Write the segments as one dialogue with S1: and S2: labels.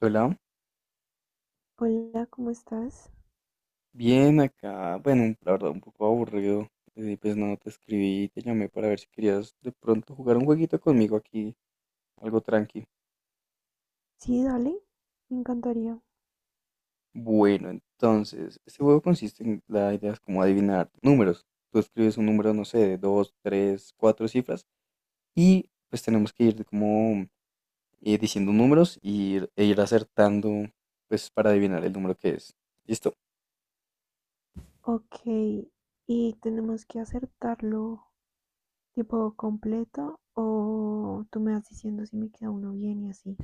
S1: Hola,
S2: Hola, ¿cómo estás?
S1: bien acá. Bueno, la verdad, un poco aburrido. Pues no te escribí, te llamé para ver si querías de pronto jugar un jueguito conmigo aquí, algo tranqui.
S2: Sí, dale, me encantaría.
S1: Bueno, entonces, este juego consiste en la idea es como adivinar números. Tú escribes un número, no sé, de dos, tres, cuatro cifras y pues tenemos que ir como diciendo números y e ir acertando, pues para adivinar el número que es. ¿Listo?
S2: Ok, ¿y tenemos que acertarlo tipo completo o tú me vas diciendo si me queda uno bien y así?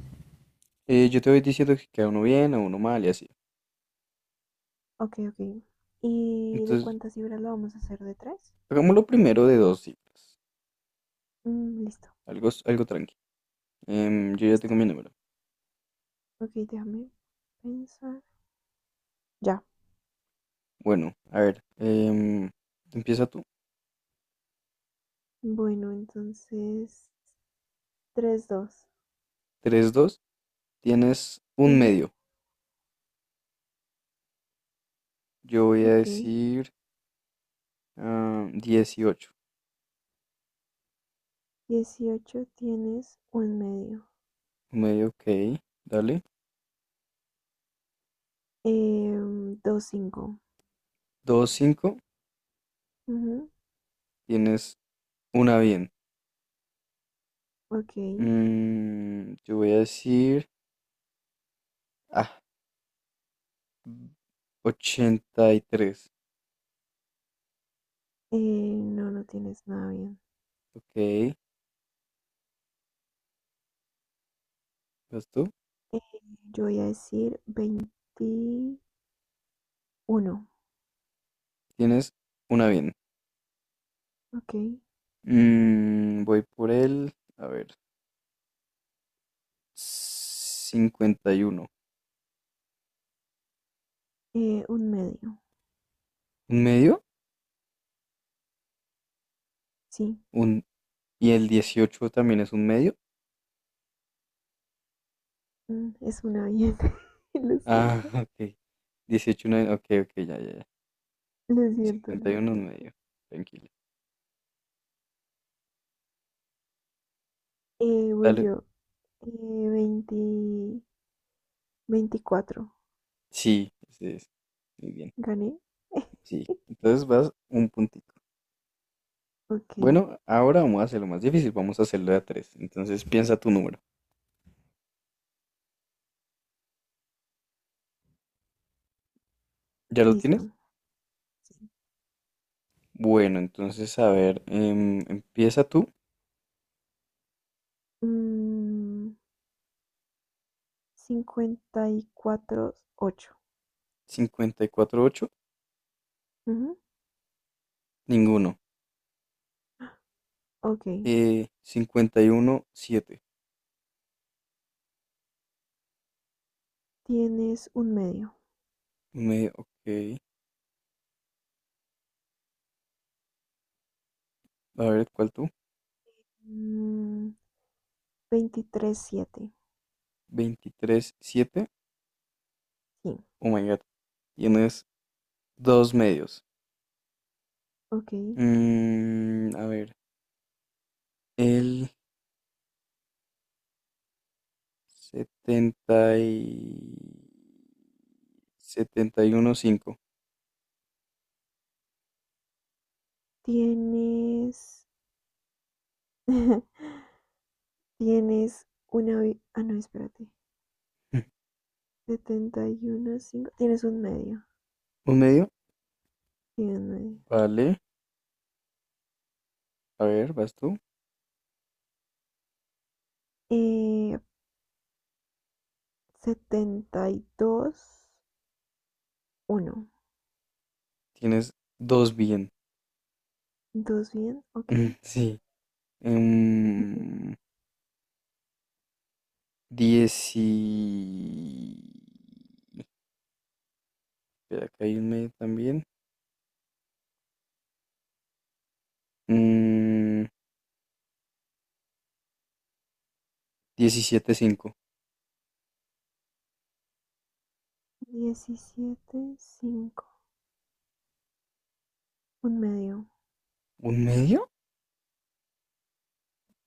S1: Yo te voy diciendo si queda uno bien o uno mal y así.
S2: Ok, ok. ¿Y de
S1: Entonces,
S2: cuántas libras lo vamos a hacer? ¿De tres?
S1: hagámoslo primero de dos cifras.
S2: Listo,
S1: Algo tranqui. Yo ya
S2: listo.
S1: tengo mi número.
S2: Ok, déjame pensar. Ya.
S1: Bueno, a ver, empieza tú.
S2: Bueno, entonces, tres, dos.
S1: Tres, dos. Tienes un
S2: Ujú.
S1: medio. Yo voy a
S2: Ok,
S1: decir 18.
S2: 18 tienes un medio.
S1: Un medio, ok. Dale.
S2: Eh, dos, cinco.
S1: Dos, cinco.
S2: Ujú.
S1: Tienes una bien.
S2: Ok,
S1: Yo voy a decir ah, 83.
S2: no, no tienes nada bien.
S1: Ok. ¿Vas tú?
S2: Eh, yo voy a decir 21.
S1: Tienes una bien.
S2: Ok,
S1: Voy por el. A ver. 51.
S2: un medio.
S1: ¿Un medio?
S2: Sí,
S1: Un, ¿Y el 18 también es un medio?
S2: es una bien. Lo
S1: Ah,
S2: siento,
S1: ok. 18. No es- Ok, ok, ya, ya, ya.
S2: lo siento, lo
S1: 51 es
S2: siento.
S1: medio. Tranquilo.
S2: Voy
S1: Dale.
S2: yo. 20 24,
S1: Sí, ese es. Muy bien.
S2: gané.
S1: Sí. Entonces vas un puntito.
S2: Ok,
S1: Bueno, ahora vamos a hacerlo más difícil. Vamos a hacerlo de a tres. Entonces piensa tu número. ¿Ya lo
S2: listo,
S1: tienes?
S2: sí.
S1: Bueno, entonces a ver, empieza tú.
S2: Mm, 54 ocho.
S1: 54-8.
S2: Ujú.
S1: Ninguno.
S2: Ok,
S1: 51-7.
S2: tienes un medio.
S1: Un medio. Ok. A ver, ¿cuál tú?
S2: Mm, 23-7.
S1: 23-7.
S2: Sí,
S1: Oh my God. Tienes dos medios.
S2: ok.
S1: A ver, el 70 y 71,5.
S2: Tienes. Tienes una. Ah, no, espérate. 71-5. Tienes un medio.
S1: ¿Un medio?
S2: Tienes un medio.
S1: Vale, a ver, vas tú.
S2: Eh, 72-1. ¿Dos uno?
S1: Tienes dos bien.
S2: ¿Dos bien? Ok.
S1: Mm, sí.
S2: Ujú.
S1: Em, 10 y, espera, acá hay un medio también. Mm, diecisiete punto cinco.
S2: 17-5. Un medio.
S1: ¿Un medio?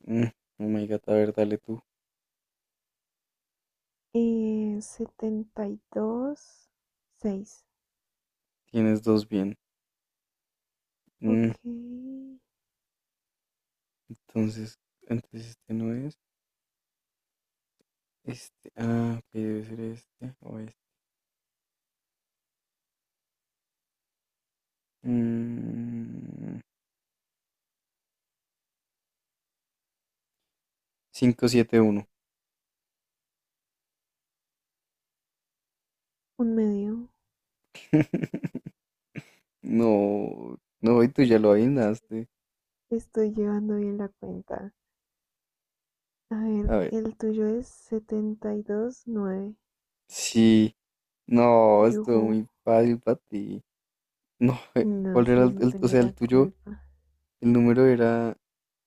S1: Mm, Oh my god, a ver, dale tú.
S2: Setenta y dos seis.
S1: Tienes dos bien.
S2: Ok.
S1: Mm,
S2: Un
S1: Entonces, entonces este no es. Este, ah, ok, debe ser este o este. Mm, cinco, siete, uno.
S2: medio.
S1: No, no, y tú ya lo adivinaste.
S2: Estoy llevando bien la cuenta. A ver,
S1: A ver,
S2: el tuyo es 72-9.
S1: sí, no, estuvo
S2: Yujú.
S1: muy fácil para ti. No,
S2: No
S1: ¿cuál era
S2: sé, no
S1: o
S2: tengo
S1: sea, el
S2: la
S1: tuyo?
S2: culpa.
S1: El número era,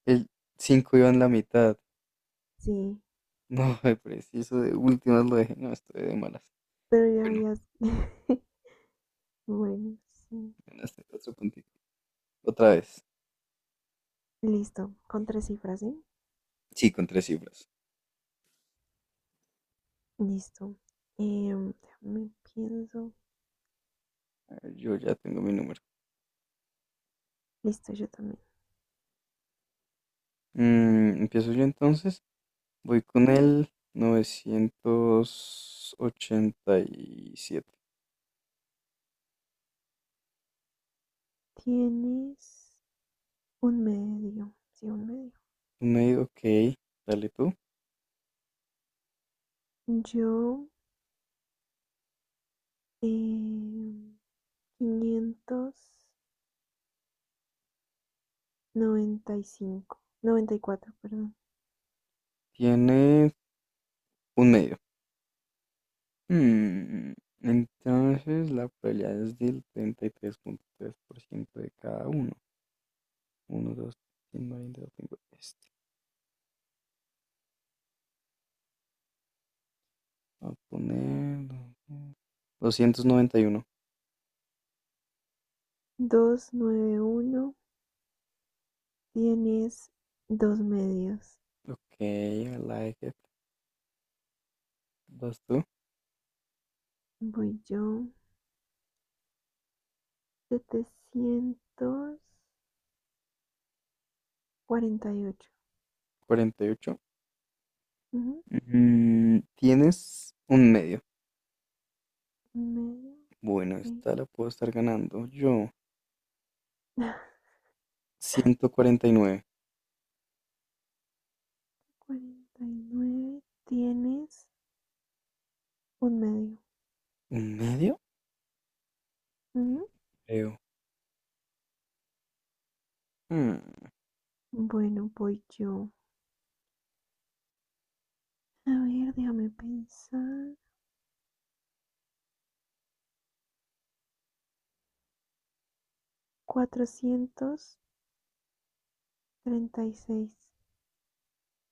S1: el 5 iba en la mitad.
S2: Sí,
S1: No, preciso, de últimas lo dejé, no, estoy de malas.
S2: pero ya
S1: Bueno,
S2: habías. Bueno, sí.
S1: ganaste otro puntito. Otra vez.
S2: Listo, con tres cifras, ¿sí?
S1: Sí, con tres cifras.
S2: Listo. Eh, déjame pienso.
S1: A ver, yo ya tengo mi número.
S2: Listo, yo también.
S1: Empiezo yo entonces. Voy con
S2: Ujú.
S1: el 987.
S2: Tienes un medio. Sí, un medio.
S1: Un medio, ok. Dale tú.
S2: Yo, eh, 595, 94, perdón.
S1: Tiene un medio. Mm, Entonces la probabilidad es del treinta y tres 3,3% de cada uno. 1, 2, 3, 20, 25. Este. Voy a poner 291.
S2: 291 tienes dos medios.
S1: Ok, I like it. ¿Vas tú?
S2: Voy yo. 748.
S1: 48.
S2: Ujú.
S1: Tienes un medio.
S2: Un medio.
S1: Bueno,
S2: Ok.
S1: esta la puedo estar ganando yo. 149.
S2: 49 tienes un medio.
S1: ¿Un medio?
S2: Ujú.
S1: Creo. Hmm,
S2: Bueno, voy yo. A ver, déjame pensar. 436.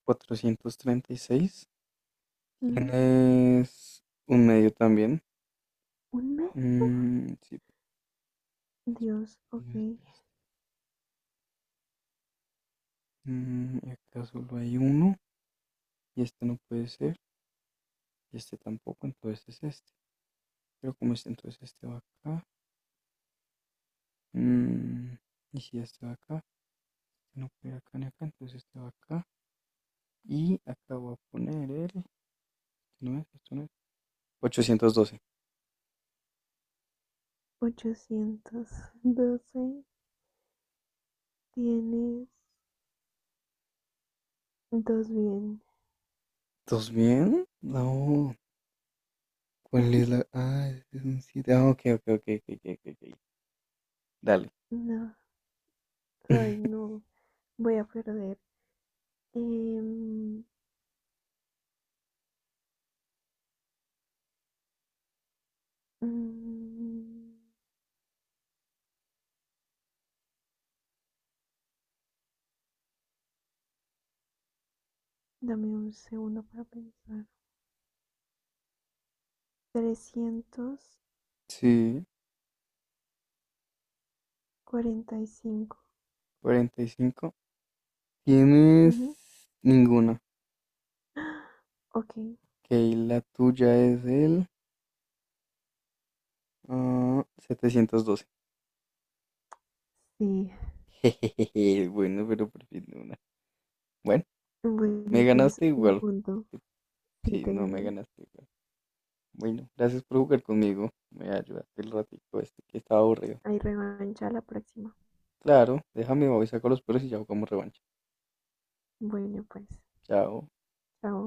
S1: 436. ¿Quién
S2: Ujú.
S1: es un medio también?
S2: Un medio.
S1: Mm, sí. Pues,
S2: Dios, ok.
S1: este, y acá solo hay uno. Y este no puede ser. Y este tampoco. Entonces es este. Pero como este, entonces este va acá. Mm, y si este va acá. Si no puede ir acá ni acá, entonces este va acá. Y acá voy a poner el. No es, esto no es. 812.
S2: 812 tienes dos bien.
S1: ¿Estás bien? No. ¿Cuál es la? Ah, es un 7. Ah, ok, ok, ok, ok, ok, ok, ok. Dale.
S2: No. Ay, no. Voy a perder. Em, mm, dame un segundo para pensar.
S1: Sí,
S2: 345.
S1: 45. Tienes
S2: Ujú.
S1: ninguna. Ok,
S2: Ok.
S1: la tuya es el 712.
S2: Sí.
S1: Jejeje, bueno, pero por fin una. Bueno, me
S2: Bueno, tienes
S1: ganaste
S2: un
S1: igual.
S2: punto. Sí,
S1: Sí,
S2: te
S1: no, me
S2: gané.
S1: ganaste igual. Bueno, gracias por jugar conmigo. Me ayudaste el ratito este que estaba aburrido.
S2: Hay revancha la próxima.
S1: Claro, déjame, voy, saco los perros y ya jugamos revancha.
S2: Bueno, pues.
S1: Chao.
S2: Chao.